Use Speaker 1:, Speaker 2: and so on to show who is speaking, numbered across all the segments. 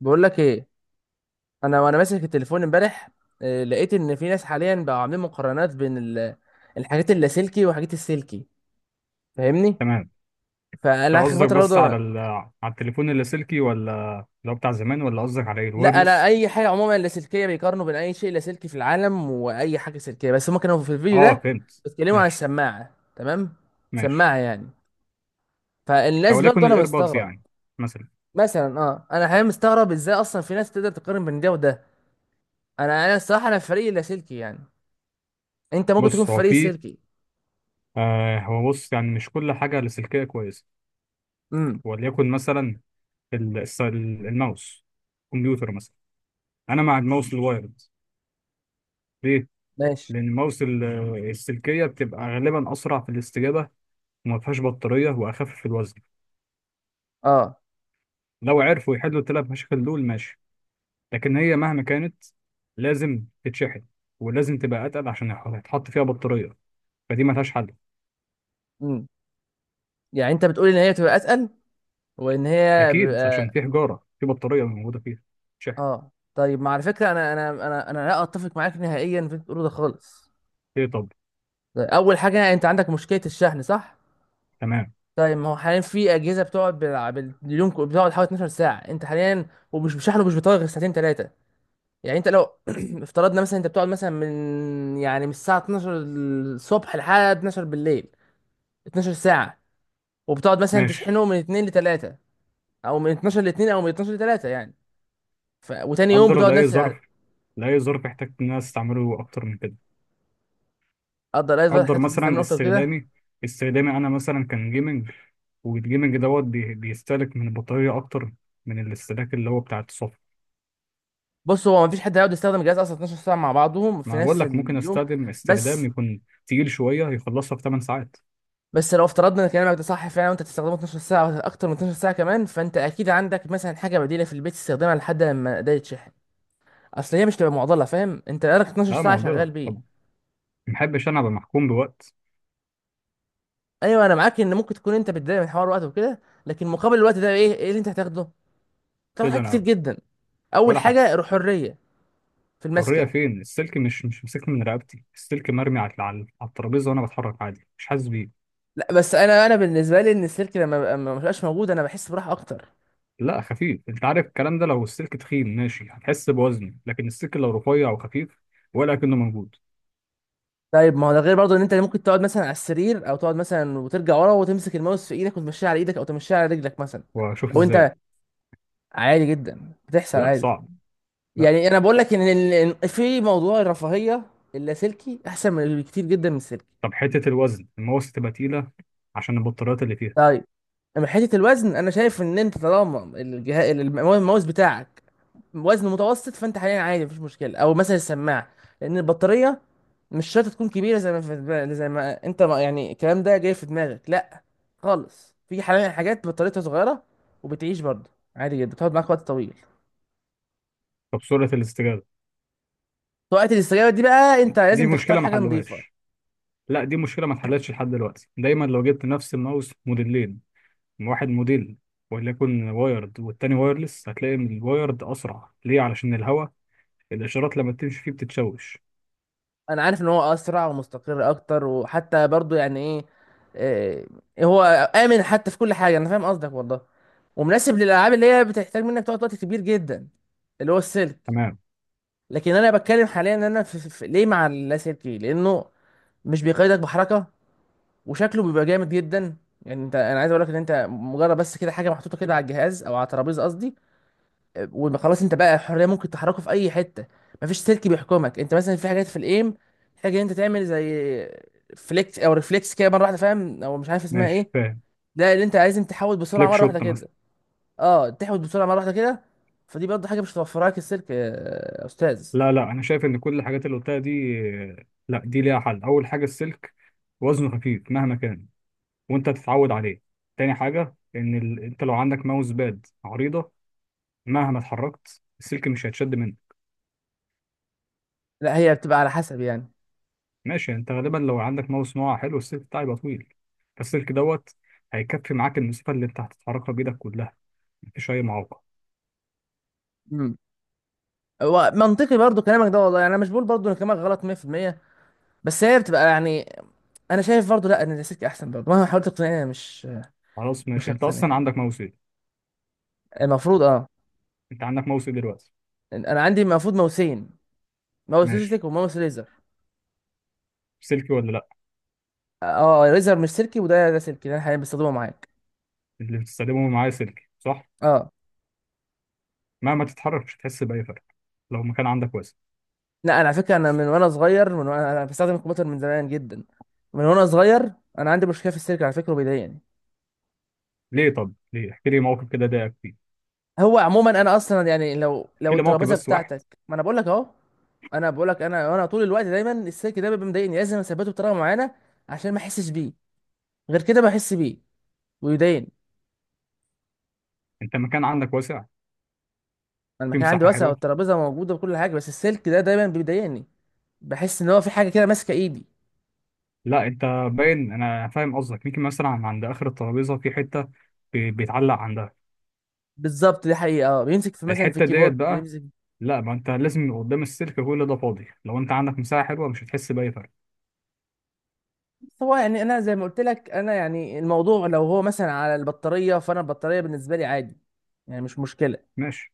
Speaker 1: بقول لك ايه. انا وانا ماسك التليفون امبارح لقيت ان في ناس حاليا بقوا عاملين مقارنات بين الحاجات اللاسلكي وحاجات السلكي، فاهمني؟
Speaker 2: تمام.
Speaker 1: فانا
Speaker 2: انت
Speaker 1: اخر
Speaker 2: قصدك
Speaker 1: فتره
Speaker 2: بس على
Speaker 1: برضه
Speaker 2: على التليفون اللاسلكي، ولا اللي هو بتاع زمان، ولا قصدك على ايه
Speaker 1: لا لا
Speaker 2: الوايرلس؟
Speaker 1: اي حاجه عموما لاسلكيه بيقارنوا بين اي شيء لاسلكي في العالم واي حاجه سلكيه، بس هم كانوا في الفيديو
Speaker 2: اه،
Speaker 1: ده
Speaker 2: فهمت.
Speaker 1: بيتكلموا عن
Speaker 2: ماشي.
Speaker 1: السماعه، تمام،
Speaker 2: ماشي.
Speaker 1: سماعه يعني. فالناس
Speaker 2: او
Speaker 1: برضه
Speaker 2: ليكن
Speaker 1: انا
Speaker 2: الايربودز
Speaker 1: مستغرب
Speaker 2: يعني، مثلا.
Speaker 1: مثلا، اه انا حاليا مستغرب ازاي اصلا في ناس تقدر تقارن بين ده وده. انا الصراحه انا في فريق اللاسلكي، يعني انت ممكن تكون
Speaker 2: بص
Speaker 1: في
Speaker 2: هو
Speaker 1: فريق
Speaker 2: في،
Speaker 1: السلكي.
Speaker 2: هو بص يعني مش كل حاجه لاسلكيه كويسه.
Speaker 1: امم.
Speaker 2: وليكن مثلا الماوس، كمبيوتر مثلا. انا مع الماوس الوايرد. ليه؟
Speaker 1: ماشي.
Speaker 2: لان الماوس السلكيه بتبقى غالبا اسرع في الاستجابه، وما فيهاش بطاريه، واخف في الوزن.
Speaker 1: اه.
Speaker 2: لو عرفوا يحلوا الثلاث مشاكل دول ماشي، لكن هي مهما كانت لازم تتشحن، ولازم تبقى اتقل عشان يتحط فيها بطاريه. فدي ما لهاش حل.
Speaker 1: امم. يعني انت بتقول ان هي بتبقى اسهل وان هي
Speaker 2: اكيد عشان
Speaker 1: بيبقى؟
Speaker 2: في حجاره، في بطاريه موجوده فيها تشحن.
Speaker 1: اه طيب، ما على فكره انا لا اتفق معاك نهائيا في اللي أنت بتقوله ده خالص.
Speaker 2: ايه؟ طب.
Speaker 1: طيب، اول حاجه انت عندك مشكله الشحن، صح؟
Speaker 2: تمام.
Speaker 1: طيب ما هو حاليا في اجهزه بتقعد باليوم بتقعد حوالي 12 ساعه انت حاليا، ومش بشحن ومش بيطول غير ساعتين ثلاثه. يعني انت لو افترضنا مثلا انت بتقعد مثلا من يعني من الساعه 12 الصبح لحد 12 بالليل، 12 ساعه، وبتقعد مثلا
Speaker 2: ماشي.
Speaker 1: تشحنه من 2 ل 3 او من 12 ل 2 او من 12 ل 3 يعني. وتاني يوم
Speaker 2: قدر
Speaker 1: بتقعد
Speaker 2: لاي
Speaker 1: نفس القعده.
Speaker 2: ظرف، لاي ظرف احتجت ان انا استعمله اكتر من كده.
Speaker 1: افضل قاعد بقى
Speaker 2: قدر
Speaker 1: تحتاج تستعمل
Speaker 2: مثلا
Speaker 1: اكتر كده.
Speaker 2: استخدامي، استخدامي انا مثلا كان جيمنج، والجيمنج دوت بيستهلك من البطاريه اكتر من الاستهلاك اللي هو بتاع الصفر.
Speaker 1: بص هو مفيش حد هيقعد يستخدم الجهاز اصلا 12 ساعه مع بعضهم
Speaker 2: ما
Speaker 1: في
Speaker 2: أنا بقول
Speaker 1: نفس
Speaker 2: لك ممكن
Speaker 1: اليوم.
Speaker 2: استخدم استخدام
Speaker 1: بس،
Speaker 2: يكون تقيل شويه، يخلصها في 8 ساعات.
Speaker 1: لو افترضنا ان كلامك ده صح فعلا وانت تستخدمه 12 ساعه أو اكتر من 12 ساعه كمان، فانت اكيد عندك مثلا حاجه بديله في البيت تستخدمها لحد لما ده يتشحن. اصل هي مش تبقى معضله، فاهم؟ انت بقالك 12
Speaker 2: لا،
Speaker 1: ساعه شغال
Speaker 2: معضله. طب،
Speaker 1: بيه.
Speaker 2: ما بحبش انا ابقى محكوم بوقت.
Speaker 1: ايوه انا معاك ان ممكن تكون انت بتضايق من حوار الوقت وكده، لكن مقابل الوقت ده ايه ايه اللي انت هتاخده؟ تاخد
Speaker 2: ايه ده،
Speaker 1: حاجات
Speaker 2: انا
Speaker 1: كتير
Speaker 2: أقعد؟
Speaker 1: جدا. اول
Speaker 2: ولا حاجه.
Speaker 1: حاجه الحريه في
Speaker 2: حريه
Speaker 1: المسكه.
Speaker 2: فين؟ السلك مش مسكني من رقبتي، السلك مرمي على الترابيزه، وانا بتحرك عادي مش حاسس بيه.
Speaker 1: لا بس انا بالنسبه لي ان السلك لما ما بقاش موجود انا بحس براحه اكتر.
Speaker 2: لا، خفيف. انت عارف الكلام ده، لو السلك تخين ماشي هتحس بوزني، لكن السلك لو رفيع وخفيف ولا كأنه موجود.
Speaker 1: طيب ما هو ده غير برضه ان انت ممكن تقعد مثلا على السرير او تقعد مثلا وترجع ورا وتمسك الماوس في ايدك وتمشيه على ايدك او تمشيه على رجلك مثلا.
Speaker 2: واشوف
Speaker 1: لو
Speaker 2: ازاي.
Speaker 1: انت عادي جدا بتحصل
Speaker 2: لا،
Speaker 1: عادي.
Speaker 2: صعب. لا.
Speaker 1: يعني انا بقول لك ان إن في موضوع الرفاهيه اللاسلكي احسن من كتير جدا من السلكي.
Speaker 2: طب حته الوزن المواسط تبقى تقيله عشان البطاريات اللي فيها.
Speaker 1: طيب، من حته الوزن انا شايف ان انت طالما الجهاز الماوس بتاعك وزنه متوسط فانت حاليا عادي مفيش مشكله، او مثلا السماعه، لان البطاريه مش شرط تكون كبيره زي ما في زي ما انت ما يعني الكلام ده جاي في دماغك، لا خالص، في حاليا حاجات بطاريتها صغيره وبتعيش برضه عادي جدا بتقعد معاك وقت طويل.
Speaker 2: طب سرعه الاستجابه؟
Speaker 1: في وقت الاستجابه دي بقى انت
Speaker 2: دي
Speaker 1: لازم تختار
Speaker 2: مشكله ما
Speaker 1: حاجه نظيفه.
Speaker 2: حلوهاش. لا، دي مشكله ما اتحلتش لحد دلوقتي. دايما لو جبت نفس الماوس موديلين، من واحد موديل، وليكن وايرد والتاني وايرلس، هتلاقي ان الوايرد اسرع. ليه؟ علشان الهواء، الاشارات لما بتمشي فيه بتتشوش.
Speaker 1: انا عارف ان هو اسرع ومستقر اكتر، وحتى برضه يعني ايه، اه، هو امن حتى في كل حاجه، انا فاهم قصدك والله، ومناسب للالعاب اللي هي بتحتاج منك تقعد وقت كبير جدا، اللي هو السلك.
Speaker 2: تمام.
Speaker 1: لكن انا بتكلم حاليا ان انا ليه مع اللاسلكي، لانه مش بيقيدك بحركه، وشكله بيبقى جامد جدا. يعني انت، انا عايز اقول لك ان انت مجرد بس كده حاجه محطوطه كده على الجهاز او على الترابيزه قصدي، وخلاص انت بقى حريه، ممكن تحركه في اي حته، مفيش سلك بيحكمك. انت مثلا في حاجات في الايم، حاجه انت تعمل زي فليكس او ريفلكس كده مره واحده، فاهم؟ او مش عارف اسمها
Speaker 2: ماشي
Speaker 1: ايه.
Speaker 2: فاهم.
Speaker 1: ده اللي انت لازم تحاول بسرعه
Speaker 2: لك
Speaker 1: مره واحده
Speaker 2: شوت مثلا.
Speaker 1: كده. اه، تحاول بسرعه مره واحده كده. فدي برضه حاجه مش هتوفرها لك السلك. يا استاذ،
Speaker 2: لا لا، انا شايف ان كل الحاجات اللي قلتها دي، لا دي ليها حل. اول حاجه، السلك وزنه خفيف مهما كان، وانت تتعود عليه. تاني حاجه، ان انت لو عندك ماوس باد عريضه، مهما اتحركت السلك مش هيتشد منك.
Speaker 1: لا هي بتبقى على حسب يعني.
Speaker 2: ماشي. انت غالبا لو عندك ماوس نوع حلو، السلك بتاعه يبقى طويل. فالسلك دوت هيكفي معاك المسافه اللي انت هتتحركها بايدك كلها. مفيش اي معوقه.
Speaker 1: امم. هو منطقي برضه كلامك ده والله، يعني انا مش بقول برضه ان كلامك غلط 100%، بس هي بتبقى يعني. انا شايف برضو لا ان الكلاسيك احسن برضو، مهما حاولت تقنعني أنا مش،
Speaker 2: خلاص،
Speaker 1: مش
Speaker 2: ماشي. انت
Speaker 1: هقتنع
Speaker 2: اصلا
Speaker 1: يعني.
Speaker 2: عندك ماوس ايه؟
Speaker 1: المفروض اه.
Speaker 2: انت عندك ماوس ايه دلوقتي؟
Speaker 1: انا عندي المفروض ماوسين، ماوس
Speaker 2: ماشي.
Speaker 1: لوجيتك وماوس ريزر.
Speaker 2: سلكي ولا لا؟
Speaker 1: اه ريزر مش سلكي، ده سلكي، ده انا حاليا بستخدمه معاك.
Speaker 2: اللي بتستخدمه معايا سلكي صح؟
Speaker 1: اه.
Speaker 2: مهما تتحرك مش هتحس باي فرق لو مكان عندك واسع.
Speaker 1: لا انا على فكره، انا من وانا صغير من وانا بستخدم الكمبيوتر من زمان جدا، من وانا صغير، انا عندي مشكله في السلك على فكره وبيضايقني.
Speaker 2: ليه؟ طب ليه؟ احكي لي موقف كده ضايقك فيه.
Speaker 1: هو عموما انا اصلا يعني لو
Speaker 2: احكي
Speaker 1: لو
Speaker 2: لي موقف
Speaker 1: الترابيزه
Speaker 2: بس واحد.
Speaker 1: بتاعتك، ما انا بقول لك اهو، انا بقول لك انا طول الوقت دايما السلك ده بيبقى مضايقني، لازم اثبته بطريقه معينه عشان ما احسش بيه، غير كده بحس بيه ويضايقني.
Speaker 2: انت مكان عندك واسع،
Speaker 1: أنا
Speaker 2: في
Speaker 1: المكان عندي
Speaker 2: مساحه
Speaker 1: واسع
Speaker 2: حلوه.
Speaker 1: والترابيزه موجوده وكل حاجه، بس السلك ده دايما بيضايقني، بحس ان هو في حاجه كده ماسكه ايدي.
Speaker 2: لا انت، باين انا فاهم قصدك. يمكن مثلا عند اخر الترابيزه في حته بيتعلق عندها.
Speaker 1: بالظبط دي حقيقه، اه بيمسك في مثلا في
Speaker 2: الحته ديت
Speaker 1: الكيبورد
Speaker 2: بقى.
Speaker 1: بيمسك.
Speaker 2: لا، ما انت لازم يبقى قدام السلك كل ده فاضي. لو انت عندك مساحه حلوه مش هتحس باي فرق.
Speaker 1: بس هو يعني انا زي ما قلت لك، انا يعني الموضوع لو هو مثلا على البطاريه فانا البطاريه بالنسبه لي عادي، يعني مش مشكله.
Speaker 2: ماشي.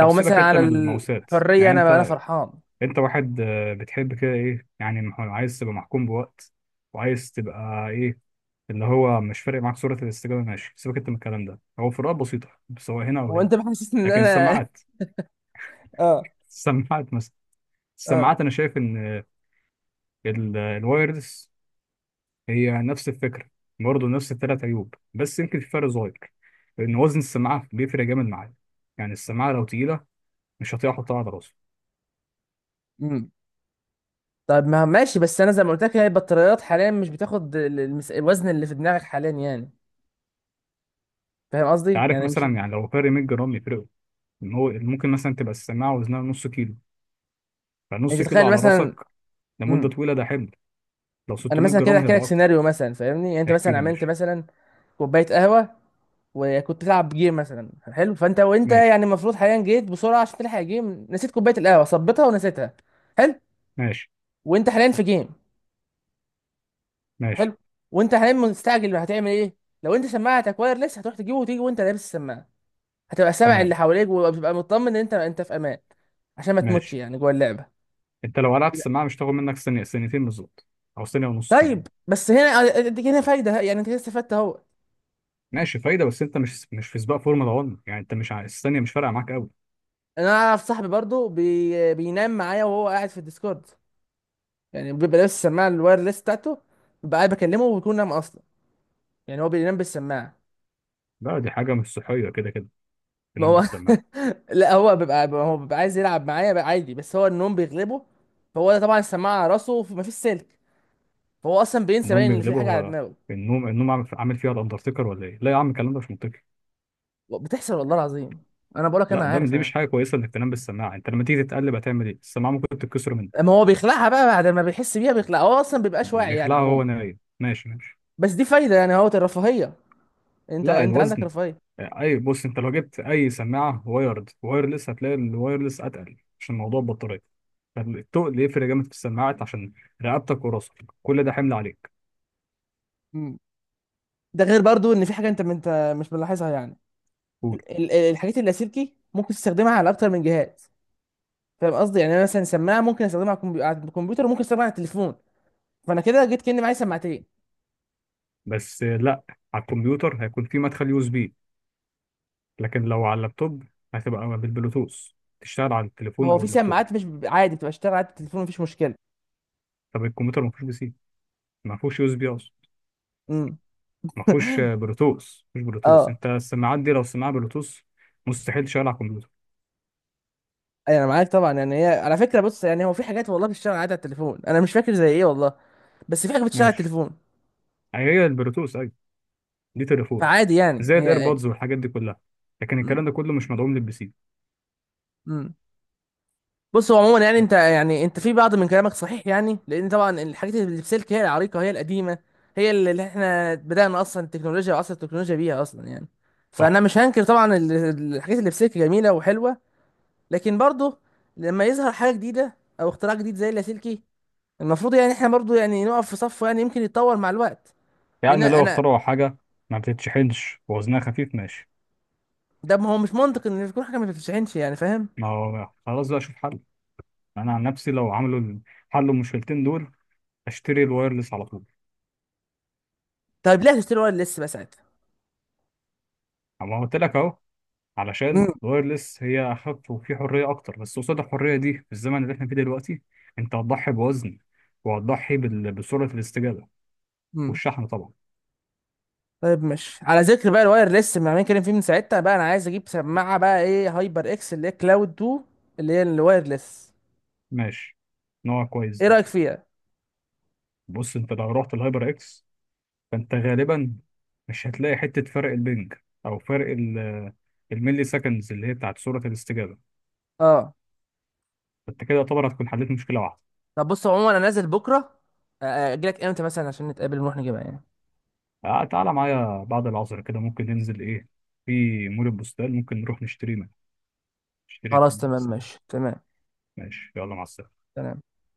Speaker 2: طب سيبك
Speaker 1: مثلا
Speaker 2: انت
Speaker 1: على
Speaker 2: من الموساد،
Speaker 1: الحريه
Speaker 2: يعني
Speaker 1: انا
Speaker 2: انت،
Speaker 1: فرحان.
Speaker 2: انت واحد بتحب كده ايه يعني، عايز تبقى محكوم بوقت وعايز تبقى ايه اللي هو مش فارق معاك سرعه الاستجابه؟ ماشي، سيبك انت من الكلام ده. هو فروقات بسيطه سواء هنا او
Speaker 1: هو
Speaker 2: هنا.
Speaker 1: انت بتحسسني ان
Speaker 2: لكن
Speaker 1: انا
Speaker 2: السماعات.
Speaker 1: اه.
Speaker 2: السماعات مثلا،
Speaker 1: اه.
Speaker 2: السماعات انا شايف ان الوايرلس هي نفس الفكرة. برضه نفس الثلاث عيوب، بس يمكن في فرق صغير. لأن وزن السماعة بيفرق جامد معايا. يعني السماعة لو تقيلة مش هطيق أحطها على راسي.
Speaker 1: امم. طب ما ماشي، بس انا زي ما قلت لك، هي البطاريات حاليا مش بتاخد الوزن اللي في دماغك حاليا، يعني فاهم
Speaker 2: أنت
Speaker 1: قصدي
Speaker 2: عارف
Speaker 1: يعني مش،
Speaker 2: مثلا يعني، لو فرق 100 جرام يفرقوا، إن هو ممكن مثلا تبقى السماعة وزنها نص كيلو.
Speaker 1: انت
Speaker 2: فنص كيلو
Speaker 1: تتخيل
Speaker 2: على
Speaker 1: مثلا.
Speaker 2: راسك لمدة
Speaker 1: امم.
Speaker 2: طويلة ده حمل. لو
Speaker 1: انا
Speaker 2: 600
Speaker 1: مثلا كده
Speaker 2: جرام
Speaker 1: احكي
Speaker 2: هيبقى
Speaker 1: لك
Speaker 2: أكتر.
Speaker 1: سيناريو مثلا، فاهمني؟ يعني انت
Speaker 2: احكي
Speaker 1: مثلا
Speaker 2: لي،
Speaker 1: عملت
Speaker 2: ماشي.
Speaker 1: مثلا كوبايه قهوه، وكنت تلعب جيم مثلا، حلو؟ فانت وانت
Speaker 2: ماشي.
Speaker 1: يعني المفروض حاليا جيت بسرعه عشان تلحق جيم، نسيت كوبايه القهوه، صبتها ونسيتها، حلو،
Speaker 2: ماشي.
Speaker 1: وانت حاليا في جيم،
Speaker 2: ماشي.
Speaker 1: حلو، وانت حاليا مستعجل، هتعمل ايه؟ لو انت سماعتك وايرلس هتروح تجيبه وتيجي وانت لابس السماعه، هتبقى سامع اللي
Speaker 2: تمام.
Speaker 1: حواليك وبتبقى مطمن ان انت، انت في امان، عشان ما تموتش
Speaker 2: ماشي.
Speaker 1: يعني جوه اللعبه.
Speaker 2: أنت لو قلعت السماعة مش هتاخد منك ثانية، ثانيتين بالظبط، أو ثانية ونص كمان.
Speaker 1: طيب بس هنا اديك هنا فايده، يعني انت كده استفدت اهو.
Speaker 2: ماشي فايدة، بس أنت مش في سباق فورمولا 1 يعني. أنت مش ع- الثانية مش فارقة معاك قوي.
Speaker 1: انا اعرف صاحبي برضو بينام معايا وهو قاعد في الديسكورد، يعني بيبقى لابس السماعه الوايرلس بتاعته، ببقى قاعد بكلمه وبيكون نام اصلا، يعني هو بينام بالسماعه.
Speaker 2: لا، دي حاجة مش صحية كده كده،
Speaker 1: ما
Speaker 2: تنام
Speaker 1: هو،
Speaker 2: بالسماعة.
Speaker 1: لا هو بيبقى، هو بيبقى عايز يلعب معايا بقى عادي، بس هو النوم بيغلبه، فهو ده طبعا السماعه على راسه مفيش سلك، فهو اصلا بينسى
Speaker 2: النوم
Speaker 1: باين ان في
Speaker 2: بيغلبه
Speaker 1: حاجه على
Speaker 2: هو؟
Speaker 1: دماغه.
Speaker 2: النوم عامل فيها الأندرتيكر ولا إيه؟ لا يا عم، الكلام ده مش منطقي.
Speaker 1: بتحصل والله العظيم، انا بقولك انا
Speaker 2: لا ده،
Speaker 1: عارف
Speaker 2: دي مش حاجة
Speaker 1: انا.
Speaker 2: كويسة إنك تنام بالسماعة. أنت لما تيجي تتقلب هتعمل إيه؟ السماعة ممكن تتكسر منك.
Speaker 1: ما هو بيخلعها بقى بعد ما بيحس بيها، بيخلعها، هو اصلا بيبقاش واعي يعني
Speaker 2: بيخلعها
Speaker 1: عموما.
Speaker 2: وهو نايم؟ ماشي. ماشي.
Speaker 1: بس دي فايده، يعني هو الرفاهيه، انت،
Speaker 2: لا،
Speaker 1: انت عندك
Speaker 2: الوزن.
Speaker 1: رفاهيه.
Speaker 2: أي، بص أنت لو جبت أي سماعة وايرد وايرلس هتلاقي الوايرلس أتقل عشان موضوع البطارية. فالتقل يفرق جامد في السماعات عشان رقبتك وراسك، كل ده حمل عليك.
Speaker 1: ده غير برضو ان في حاجه انت، انت مش ملاحظها يعني.
Speaker 2: قول.
Speaker 1: الحاجات اللاسلكي ممكن تستخدمها على اكتر من جهاز، فاهم قصدي؟ يعني انا مثلا سماعه ممكن استخدمها على على الكمبيوتر وممكن استخدمها على التليفون، فانا كده جيت كاني معايا سماعتين.
Speaker 2: بس لا، على الكمبيوتر هيكون في مدخل يو اس بي، لكن لو على اللابتوب هتبقى بالبلوتوث تشتغل على التليفون
Speaker 1: هو
Speaker 2: او
Speaker 1: في
Speaker 2: اللابتوب.
Speaker 1: سماعات مش بيبقى عادي بتبقى اشتغل على التليفون مفيش مشكله.
Speaker 2: طب الكمبيوتر ما فيهوش بي سي، ما فيهوش يو اس بي اصلا.
Speaker 1: امم.
Speaker 2: ما فيهوش بلوتوث. مش بلوتوث؟
Speaker 1: اه.
Speaker 2: انت السماعات دي لو سماعه بلوتوث مستحيل تشتغل على الكمبيوتر.
Speaker 1: انا معاك طبعا، يعني هي على فكره بص، يعني هو في حاجات والله بتشتغل عادي على التليفون، انا مش فاكر زي ايه والله، بس في حاجه بتشتغل على
Speaker 2: ماشي.
Speaker 1: التليفون،
Speaker 2: أي هي البلوتوث ايوه، دي تليفون،
Speaker 1: فعادي يعني
Speaker 2: زي
Speaker 1: هي.
Speaker 2: الايربودز والحاجات دي كلها. لكن الكلام ده كله مش مدعوم للبي سي.
Speaker 1: ايه. بص هو عموما يعني انت، يعني انت في بعض من كلامك صحيح، يعني لان طبعا الحاجات اللي في سلك هي العريقه، هي القديمه، هي اللي، اللي احنا بدانا اصلا التكنولوجيا وعصر التكنولوجيا بيها اصلا يعني،
Speaker 2: صح.
Speaker 1: فانا مش هنكر طبعا الحاجات اللي في سلك جميله وحلوه. لكن برضه لما يظهر حاجه جديده او اختراع جديد زي اللاسلكي، المفروض يعني احنا برضه يعني نقف في صفه، يعني يمكن يتطور مع الوقت. لان
Speaker 2: يعني لو
Speaker 1: انا،
Speaker 2: اخترعوا حاجه ما بتتشحنش ووزنها خفيف ماشي.
Speaker 1: ده ما هو مش منطق ان يكون حاجه ما بتتشحنش، يعني فاهم.
Speaker 2: ما هو خلاص بقى، اشوف حل. انا عن نفسي لو عملوا حلوا المشكلتين دول اشتري الوايرلس على طول.
Speaker 1: طيب ليه هتشتري ورق اللص بقى ساعتها؟
Speaker 2: اما قلت لك اهو، علشان الوايرلس هي اخف وفي حريه اكتر، بس قصاد الحريه دي في الزمن اللي احنا فيه دلوقتي انت هتضحي بوزن، وهتضحي بسرعه الاستجابه،
Speaker 1: مم.
Speaker 2: والشحن طبعا.
Speaker 1: طيب، ماشي، على ذكر بقى الواير ليس ما عمالين نتكلم فيه من ساعتها بقى، انا عايز اجيب سماعه بقى ايه، هايبر اكس اللي هي كلاود 2، اللي هي الواير ليس.
Speaker 2: ماشي، نوع كويس
Speaker 1: ايه
Speaker 2: دي.
Speaker 1: رايك فيها؟
Speaker 2: بص انت لو رحت الهايبر اكس فانت غالبا مش هتلاقي حته فرق البنج، او فرق الملي سكندز اللي هي بتاعت سرعه الاستجابه.
Speaker 1: اه.
Speaker 2: فانت كده يعتبر هتكون حليت مشكله واحده.
Speaker 1: طب بص عموما انا نازل بكره، اجي لك امتى مثلا عشان نتقابل ونروح نجيبها يعني؟
Speaker 2: آه، تعالى معايا بعد العصر كده ممكن ننزل ايه في مول البستان، ممكن نروح نشتري منه، نشتري.
Speaker 1: خلاص تمام، ماشي، تمام،
Speaker 2: ماشي، يلا مع السلامة.
Speaker 1: تمام.